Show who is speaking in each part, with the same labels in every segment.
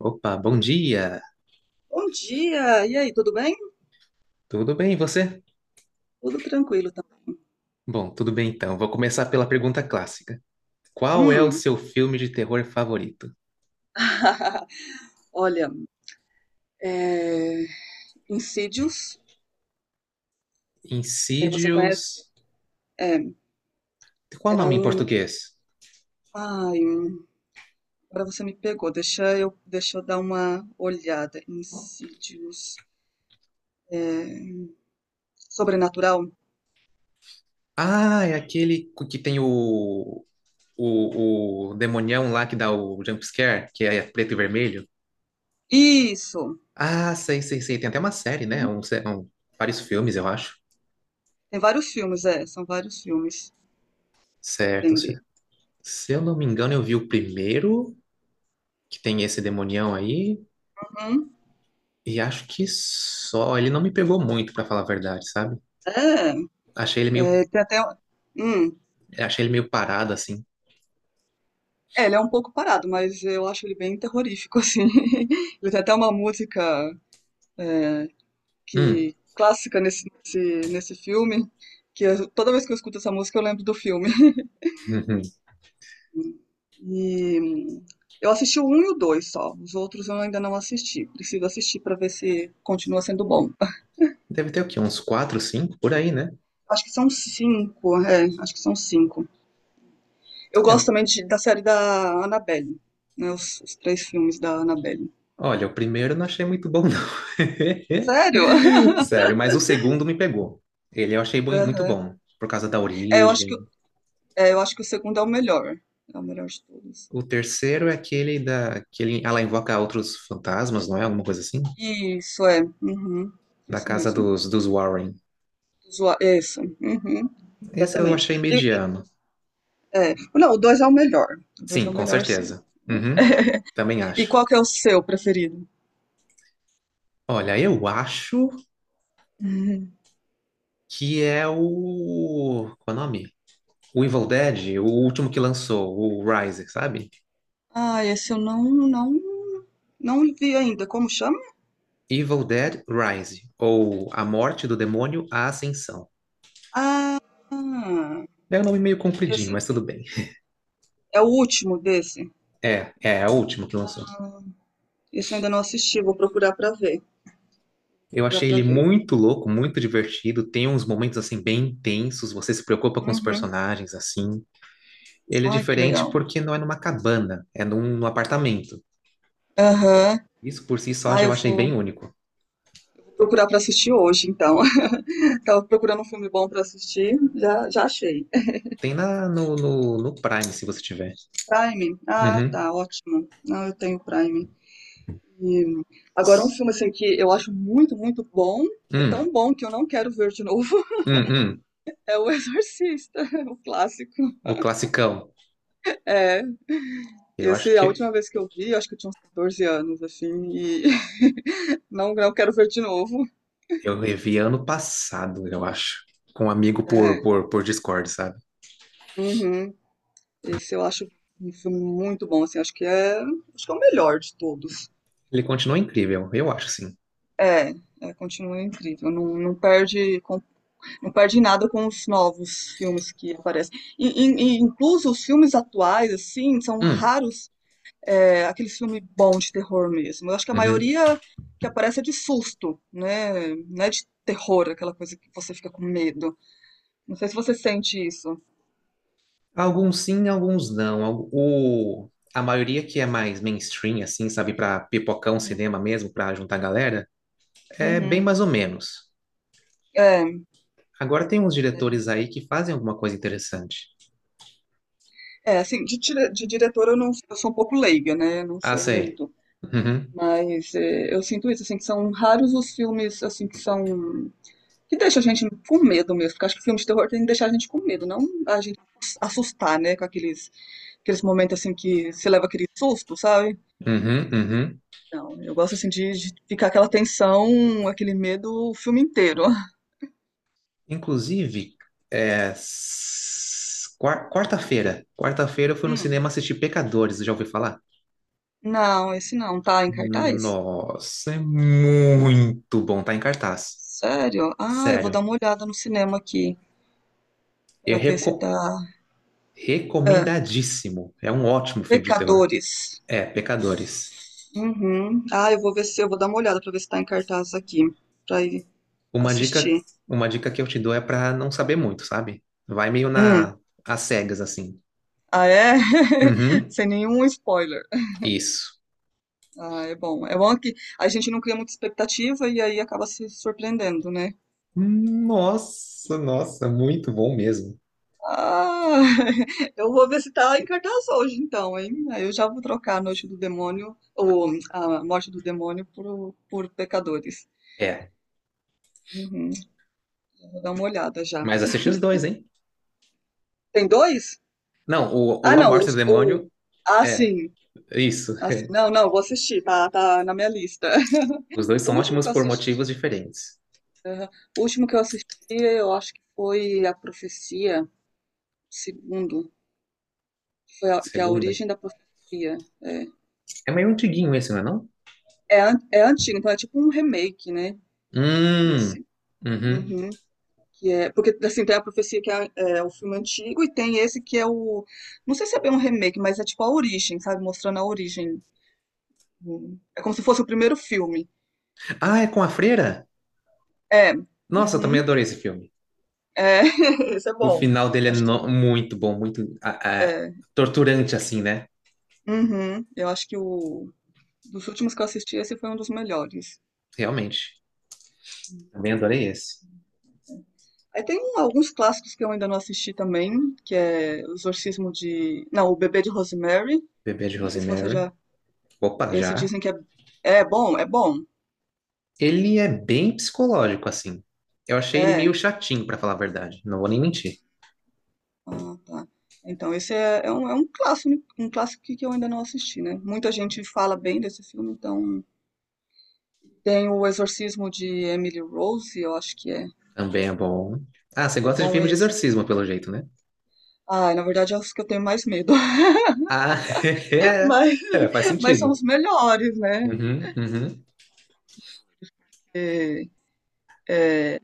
Speaker 1: Opa, bom dia!
Speaker 2: Bom dia! E aí, tudo bem?
Speaker 1: Tudo bem, e você?
Speaker 2: Tudo tranquilo também.
Speaker 1: Bom, tudo bem então. Vou começar pela pergunta clássica. Qual é o
Speaker 2: Hum.
Speaker 1: seu filme de terror favorito?
Speaker 2: Olha, é... Insidious, é, você conhece?
Speaker 1: Insidious.
Speaker 2: É,
Speaker 1: Qual o
Speaker 2: é
Speaker 1: nome em
Speaker 2: um.
Speaker 1: português?
Speaker 2: Ai, agora você me pegou. Deixa eu dar uma olhada. Insidious. É... Sobrenatural?
Speaker 1: Ah, é aquele que tem o demonião lá que dá o jump scare, que é preto e vermelho.
Speaker 2: Isso!
Speaker 1: Ah, sei, sei, sei. Tem até uma série, né?
Speaker 2: Uhum.
Speaker 1: Vários filmes, eu acho.
Speaker 2: Tem vários filmes, é, são vários filmes.
Speaker 1: Certo. Se,
Speaker 2: Entendi.
Speaker 1: se eu não me engano, eu vi o primeiro, que tem esse demonião aí.
Speaker 2: Uhum.
Speaker 1: E acho que só. Ele não me pegou muito, pra falar a verdade, sabe?
Speaker 2: É,
Speaker 1: Achei ele meio,
Speaker 2: é, tem até um. Hum.
Speaker 1: achei ele meio parado, assim.
Speaker 2: É, ele é um pouco parado, mas eu acho ele bem terrorífico, assim. Ele tem até uma música é,
Speaker 1: Hum,
Speaker 2: que clássica nesse filme, toda vez que eu escuto essa música eu lembro do filme.
Speaker 1: uhum.
Speaker 2: E eu assisti o 1 e o 2 só, os outros eu ainda não assisti. Preciso assistir para ver se continua sendo bom.
Speaker 1: Deve ter o quê? Uns quatro, cinco, por aí, né?
Speaker 2: Acho que são cinco, é, acho que são cinco. Eu
Speaker 1: É,
Speaker 2: gosto também da série da Annabelle, né, os três filmes da Annabelle.
Speaker 1: olha, o primeiro eu não achei muito bom, não.
Speaker 2: Sério?
Speaker 1: Sério, mas o segundo me pegou. Ele eu achei muito
Speaker 2: Aham.
Speaker 1: bom, por causa da
Speaker 2: É, eu acho que
Speaker 1: origem.
Speaker 2: É, eu acho que o segundo é o melhor. É o melhor de todos.
Speaker 1: O terceiro é aquele da... Que ela invoca outros fantasmas, não é? Alguma coisa assim?
Speaker 2: Isso, é. Uhum.
Speaker 1: Da
Speaker 2: Esse
Speaker 1: casa
Speaker 2: mesmo.
Speaker 1: dos Warren.
Speaker 2: Isso. Uhum.
Speaker 1: Esse eu
Speaker 2: Exatamente.
Speaker 1: achei mediano.
Speaker 2: É. Não, o dois é o melhor. O dois é
Speaker 1: Sim,
Speaker 2: o
Speaker 1: com
Speaker 2: melhor, sim.
Speaker 1: certeza. Uhum, também
Speaker 2: E qual
Speaker 1: acho.
Speaker 2: que é o seu preferido?
Speaker 1: Olha, eu acho
Speaker 2: Uhum.
Speaker 1: que é o. Qual é o nome? O Evil Dead, o último que lançou, o Rise, sabe?
Speaker 2: Ah, esse eu não, não vi ainda. Como chama?
Speaker 1: Evil Dead Rise, ou A Morte do Demônio, A Ascensão.
Speaker 2: Ah,
Speaker 1: É um nome meio compridinho,
Speaker 2: esse
Speaker 1: mas tudo bem.
Speaker 2: é o último desse.
Speaker 1: É o último que lançou.
Speaker 2: Esse eu ainda não assisti. Vou procurar pra ver.
Speaker 1: Eu
Speaker 2: Procurar
Speaker 1: achei
Speaker 2: pra
Speaker 1: ele
Speaker 2: ver.
Speaker 1: muito louco, muito divertido. Tem uns momentos assim bem intensos, você se preocupa com os
Speaker 2: Uhum.
Speaker 1: personagens assim. Ele é
Speaker 2: Ai, que
Speaker 1: diferente
Speaker 2: legal.
Speaker 1: porque não é numa cabana, é num apartamento.
Speaker 2: Aham.
Speaker 1: Isso por si só
Speaker 2: Ah,
Speaker 1: já
Speaker 2: eu
Speaker 1: eu achei
Speaker 2: vou
Speaker 1: bem único.
Speaker 2: procurar para assistir hoje, então. Tava procurando um filme bom para assistir, já, já achei.
Speaker 1: Tem na, no, no, no Prime, se você tiver.
Speaker 2: Prime? Ah,
Speaker 1: Uhum.
Speaker 2: tá, ótimo. Não, eu tenho Prime. E agora um filme assim que eu acho muito, muito bom. É
Speaker 1: Hum,
Speaker 2: tão bom que eu não quero ver de novo.
Speaker 1: hum, hum.
Speaker 2: É O Exorcista, o clássico.
Speaker 1: O classicão.
Speaker 2: É,
Speaker 1: Eu acho
Speaker 2: esse é a
Speaker 1: que
Speaker 2: última vez que eu vi, acho que eu tinha uns 14 anos, assim, e não quero ver de novo.
Speaker 1: eu revi ano passado, eu acho. Com um amigo por,
Speaker 2: É,
Speaker 1: por, por Discord, sabe?
Speaker 2: uhum. Esse eu acho um filme muito bom, assim, acho que é o melhor de todos.
Speaker 1: Ele continua incrível, eu acho, sim.
Speaker 2: É, é, continua incrível. Não, não perde nada com os novos filmes que aparecem. E incluso os filmes atuais, assim, são
Speaker 1: Hum,
Speaker 2: raros aqueles filmes bons de terror mesmo. Eu acho que a
Speaker 1: uhum.
Speaker 2: maioria que aparece é de susto, né? Não é de terror, aquela coisa que você fica com medo. Não sei se você sente isso.
Speaker 1: Alguns sim, alguns não. A maioria que é mais mainstream, assim, sabe? Pra pipocão,
Speaker 2: Uhum.
Speaker 1: cinema mesmo, pra juntar galera, é bem
Speaker 2: Uhum.
Speaker 1: mais ou menos.
Speaker 2: É,
Speaker 1: Agora tem uns diretores aí que fazem alguma coisa interessante.
Speaker 2: é, assim, de diretor eu não, eu sou um pouco leiga, né? Não
Speaker 1: Ah,
Speaker 2: sei
Speaker 1: sei.
Speaker 2: muito.
Speaker 1: Uhum,
Speaker 2: Mas eu sinto isso, assim, que são raros os filmes, assim, que deixam a gente com medo mesmo, porque acho que filme de terror tem que deixar a gente com medo, não a gente assustar, né, com aqueles momentos, assim, que você leva aquele susto, sabe?
Speaker 1: uhum, uhum.
Speaker 2: Não, eu gosto, assim, de ficar aquela tensão, aquele medo o filme inteiro.
Speaker 1: Inclusive, quarta-feira. Quarta-feira eu fui no
Speaker 2: Hum,
Speaker 1: cinema assistir Pecadores, já ouviu falar?
Speaker 2: não, esse não, tá em cartaz?
Speaker 1: Nossa, é muito bom, tá em cartaz.
Speaker 2: Sério? Ah, eu vou dar
Speaker 1: Sério,
Speaker 2: uma olhada no cinema aqui,
Speaker 1: é
Speaker 2: pra ver se tá. Ah,
Speaker 1: recomendadíssimo. É um ótimo filme de terror.
Speaker 2: Pecadores.
Speaker 1: É, Pecadores.
Speaker 2: Uhum. Ah, eu vou ver se eu vou dar uma olhada pra ver se tá em cartaz aqui, pra ir
Speaker 1: Uma dica,
Speaker 2: assistir.
Speaker 1: uma dica que eu te dou é pra não saber muito, sabe? Vai meio
Speaker 2: Hum.
Speaker 1: na às cegas assim.
Speaker 2: Ah, é?
Speaker 1: Uhum,
Speaker 2: Sem nenhum spoiler.
Speaker 1: isso.
Speaker 2: Ah, é bom. É bom que a gente não cria muita expectativa e aí acaba se surpreendendo, né?
Speaker 1: Nossa, nossa, muito bom mesmo.
Speaker 2: Ah, eu vou ver se tá em cartaz hoje, então, hein? Aí eu já vou trocar a Noite do Demônio, ou a Morte do Demônio, por Pecadores.
Speaker 1: É,
Speaker 2: Uhum. Vou dar uma olhada já.
Speaker 1: mas assiste os dois, hein?
Speaker 2: Tem dois?
Speaker 1: Não, o,
Speaker 2: Ah,
Speaker 1: o
Speaker 2: não.
Speaker 1: A do
Speaker 2: Os, o...
Speaker 1: Demônio
Speaker 2: Ah,
Speaker 1: é
Speaker 2: sim.
Speaker 1: isso.
Speaker 2: Assim, não, não, vou assistir, tá, tá na minha lista.
Speaker 1: Os dois
Speaker 2: O
Speaker 1: são
Speaker 2: último
Speaker 1: ótimos
Speaker 2: que eu
Speaker 1: por
Speaker 2: assisti,
Speaker 1: motivos diferentes.
Speaker 2: aham, o último que eu assisti, eu acho que foi A Profecia, segundo, que foi
Speaker 1: A
Speaker 2: a, que é a
Speaker 1: segunda.
Speaker 2: origem da profecia. É,
Speaker 1: É meio antiguinho esse, não é não?
Speaker 2: é, an- é antigo, então é tipo um remake, né,
Speaker 1: Hum.
Speaker 2: desse.
Speaker 1: Uhum.
Speaker 2: Uhum, que é, porque, assim, tem A Profecia, que é o filme antigo, e tem esse que não sei se é bem um remake, mas é tipo a origem, sabe, mostrando a origem. Uhum. É como se fosse o primeiro filme.
Speaker 1: Ah, é com a freira?
Speaker 2: É,
Speaker 1: Nossa, eu também
Speaker 2: uhum,
Speaker 1: adorei esse filme.
Speaker 2: é, esse é
Speaker 1: O
Speaker 2: bom.
Speaker 1: final dele é
Speaker 2: Acho que
Speaker 1: muito bom, muito ah, ah,
Speaker 2: é.
Speaker 1: torturante, assim, né?
Speaker 2: Uhum. Eu acho que o dos últimos que eu assisti, esse foi um dos melhores.
Speaker 1: Realmente. Também adorei esse.
Speaker 2: Aí tem alguns clássicos que eu ainda não assisti também, que é O Exorcismo de... Não, O Bebê de Rosemary.
Speaker 1: Bebê de
Speaker 2: Não sei se você
Speaker 1: Rosemary.
Speaker 2: já...
Speaker 1: Opa,
Speaker 2: Esse
Speaker 1: já.
Speaker 2: dizem que é... É bom, é bom.
Speaker 1: Ele é bem psicológico, assim. Eu achei ele
Speaker 2: É.
Speaker 1: meio chatinho, pra falar a verdade. Não vou nem mentir.
Speaker 2: Ah, tá. Então esse é um clássico que eu ainda não assisti, né? Muita gente fala bem desse filme, então. Tem O Exorcismo de Emily Rose, eu acho que é.
Speaker 1: Também é bom. Ah, você
Speaker 2: É
Speaker 1: gosta de
Speaker 2: bom
Speaker 1: filmes de
Speaker 2: esse.
Speaker 1: exorcismo, pelo jeito, né?
Speaker 2: Ah, na verdade é os que eu tenho mais medo.
Speaker 1: Ah, é.
Speaker 2: Mas,
Speaker 1: É, faz
Speaker 2: mas são
Speaker 1: sentido.
Speaker 2: os melhores, né?
Speaker 1: Uhum, uhum.
Speaker 2: é, é,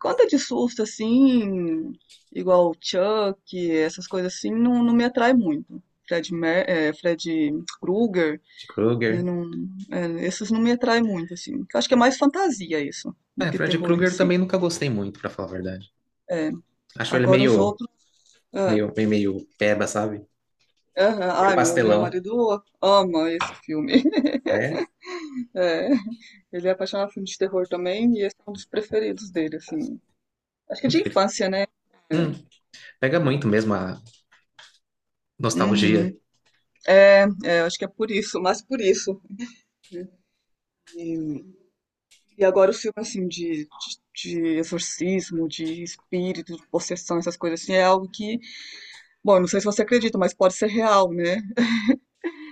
Speaker 2: conta de susto, assim, igual Chuck, essas coisas assim, não me atrai muito. Fred Krueger,
Speaker 1: Fred
Speaker 2: né,
Speaker 1: Krueger.
Speaker 2: não, esses não me atraem muito, assim. Eu acho que é mais fantasia isso, do
Speaker 1: É,
Speaker 2: que
Speaker 1: Fred
Speaker 2: terror em
Speaker 1: Krueger
Speaker 2: si.
Speaker 1: também nunca gostei muito, pra falar a verdade.
Speaker 2: É,
Speaker 1: Acho ele
Speaker 2: agora os
Speaker 1: meio,
Speaker 2: outros. É,
Speaker 1: meio, meio, meio peba, sabe?
Speaker 2: é,
Speaker 1: Meio
Speaker 2: ai, meu
Speaker 1: pastelão.
Speaker 2: marido ama esse filme.
Speaker 1: É,
Speaker 2: É, ele é apaixonado por filme de terror também, e esse é um dos preferidos dele, assim. Acho que é de
Speaker 1: incrível.
Speaker 2: infância, né? É.
Speaker 1: Hum, pega muito mesmo a nostalgia.
Speaker 2: Uhum. É, acho que é por isso, mas por isso, né? E, e agora o filme, assim, de exorcismo, de espírito, de possessão, essas coisas assim, é algo que, bom, eu não sei se você acredita, mas pode ser real, né?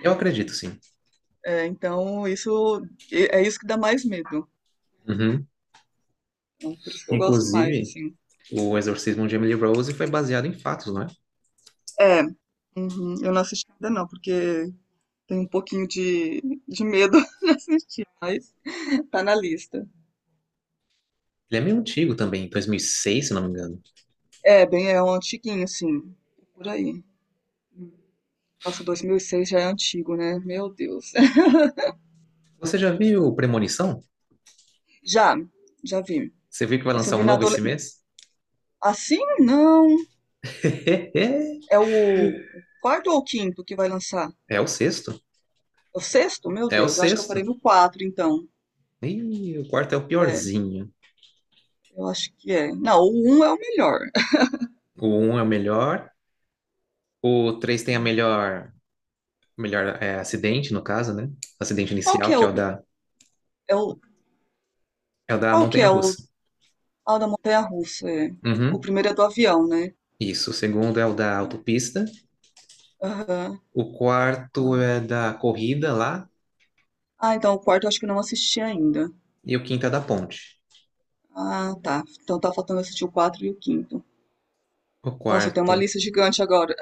Speaker 1: Eu acredito, sim.
Speaker 2: É, então, isso é isso que dá mais medo.
Speaker 1: Uhum.
Speaker 2: Então, por isso que eu gosto mais,
Speaker 1: Inclusive,
Speaker 2: assim.
Speaker 1: o Exorcismo de Emily Rose foi baseado em fatos, não é?
Speaker 2: É, uhum, eu não assisti ainda não, porque tem um pouquinho de medo de assistir, mas tá na lista.
Speaker 1: Ele é meio antigo também, 2006, se não me engano.
Speaker 2: É, bem, é um antiguinho, assim, por aí. Nossa, 2006 já é antigo, né? Meu Deus.
Speaker 1: Você já viu Premonição?
Speaker 2: Já, já vi.
Speaker 1: Você viu que vai
Speaker 2: Esse eu
Speaker 1: lançar
Speaker 2: vi
Speaker 1: um
Speaker 2: na
Speaker 1: novo esse
Speaker 2: adolescência.
Speaker 1: mês?
Speaker 2: Assim, não. É o quarto ou o quinto que vai lançar?
Speaker 1: É o sexto.
Speaker 2: É o sexto? Meu
Speaker 1: É o
Speaker 2: Deus, eu acho que eu
Speaker 1: sexto.
Speaker 2: parei no quatro, então.
Speaker 1: Ih, o quarto é o
Speaker 2: É,
Speaker 1: piorzinho.
Speaker 2: eu acho que é. Não, o um é o melhor.
Speaker 1: O um é o melhor. O três tem a melhor, melhor é, acidente, no caso, né? Acidente
Speaker 2: Qual que
Speaker 1: inicial,
Speaker 2: é
Speaker 1: que é o
Speaker 2: o...
Speaker 1: da,
Speaker 2: É o...
Speaker 1: é o da
Speaker 2: Qual que é o...
Speaker 1: montanha-russa.
Speaker 2: Ah, o da montanha-russa, é. O
Speaker 1: Uhum,
Speaker 2: primeiro é do avião, né?
Speaker 1: isso. O segundo é o da autopista.
Speaker 2: Aham.
Speaker 1: O quarto
Speaker 2: Tá.
Speaker 1: é da corrida lá.
Speaker 2: Ah, então o quarto eu acho que eu não assisti ainda.
Speaker 1: E o quinto é da ponte.
Speaker 2: Ah, tá. Então tá faltando assistir o quatro e o quinto.
Speaker 1: O
Speaker 2: Nossa, tem uma
Speaker 1: quarto.
Speaker 2: lista gigante agora.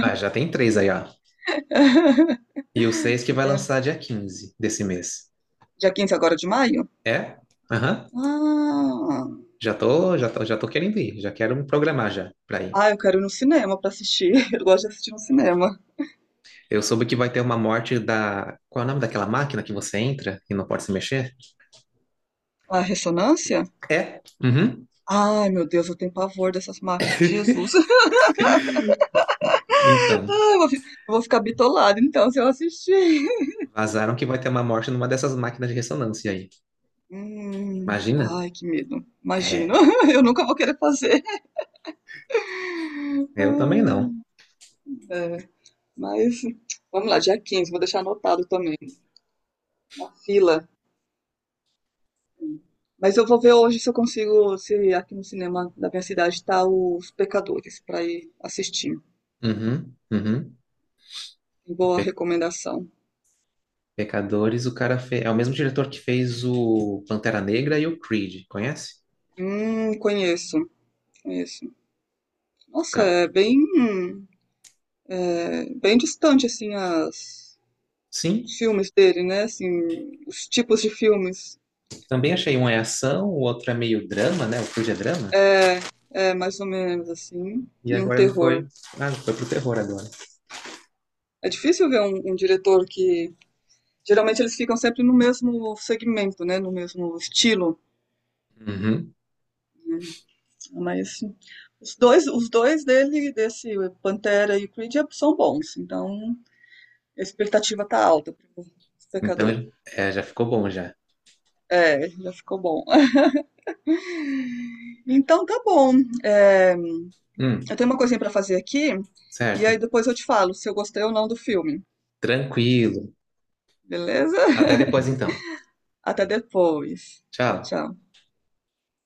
Speaker 1: Ah, já tem três aí, ó. E o seis que vai
Speaker 2: Legal.
Speaker 1: lançar dia 15 desse mês.
Speaker 2: Dia 15 agora de maio?
Speaker 1: É? Aham.
Speaker 2: Ah,
Speaker 1: Já tô querendo ir. Já quero me programar já pra ir.
Speaker 2: ah, eu quero ir no cinema pra assistir. Eu gosto de assistir no cinema.
Speaker 1: Eu soube que vai ter uma morte da. Qual é o nome daquela máquina que você entra e não pode se mexer?
Speaker 2: Ah, ressonância?
Speaker 1: É? Uhum.
Speaker 2: Ai, meu Deus, eu tenho pavor dessas máquinas. Jesus.
Speaker 1: Então,
Speaker 2: Ah, eu vou ficar bitolada então se eu assistir.
Speaker 1: vazaram que vai ter uma morte numa dessas máquinas de ressonância aí. Imagina?
Speaker 2: Ai, que medo. Imagino.
Speaker 1: É,
Speaker 2: Eu nunca vou querer fazer.
Speaker 1: eu também não.
Speaker 2: Ai, é, mas vamos lá, dia 15 vou deixar anotado também. Na fila. Mas eu vou ver hoje se eu consigo, se aqui no cinema da minha cidade está Os Pecadores, para ir assistir.
Speaker 1: Uhum, uhum.
Speaker 2: Boa
Speaker 1: Pe-
Speaker 2: recomendação.
Speaker 1: Pecadores, o cara fez. É o mesmo diretor que fez o Pantera Negra e o Creed, conhece?
Speaker 2: Conheço, conheço.
Speaker 1: O
Speaker 2: Nossa,
Speaker 1: cara.
Speaker 2: é bem, bem distante, assim, os
Speaker 1: Sim,
Speaker 2: filmes dele, né? Assim, os tipos de filmes.
Speaker 1: também achei um é ação, o outro é meio drama, né? O Creed é drama.
Speaker 2: É, é, mais ou menos, assim.
Speaker 1: E
Speaker 2: E um
Speaker 1: agora ele
Speaker 2: terror.
Speaker 1: foi. Ah, foi pro terror agora.
Speaker 2: É difícil ver um diretor que. Geralmente eles ficam sempre no mesmo segmento, né? No mesmo estilo,
Speaker 1: Uhum.
Speaker 2: né? Mas os dois dele, desse Pantera e Creed, são bons. Então, a expectativa tá alta para os
Speaker 1: Então,
Speaker 2: pecadores.
Speaker 1: já ficou bom já.
Speaker 2: É, já ficou bom. Então tá bom. É,
Speaker 1: Hum.
Speaker 2: eu tenho uma coisinha para fazer aqui e aí
Speaker 1: Certo?
Speaker 2: depois eu te falo se eu gostei ou não do filme.
Speaker 1: Tranquilo.
Speaker 2: Beleza?
Speaker 1: Até depois então.
Speaker 2: Até depois. Tchau,
Speaker 1: Tchau.
Speaker 2: tchau.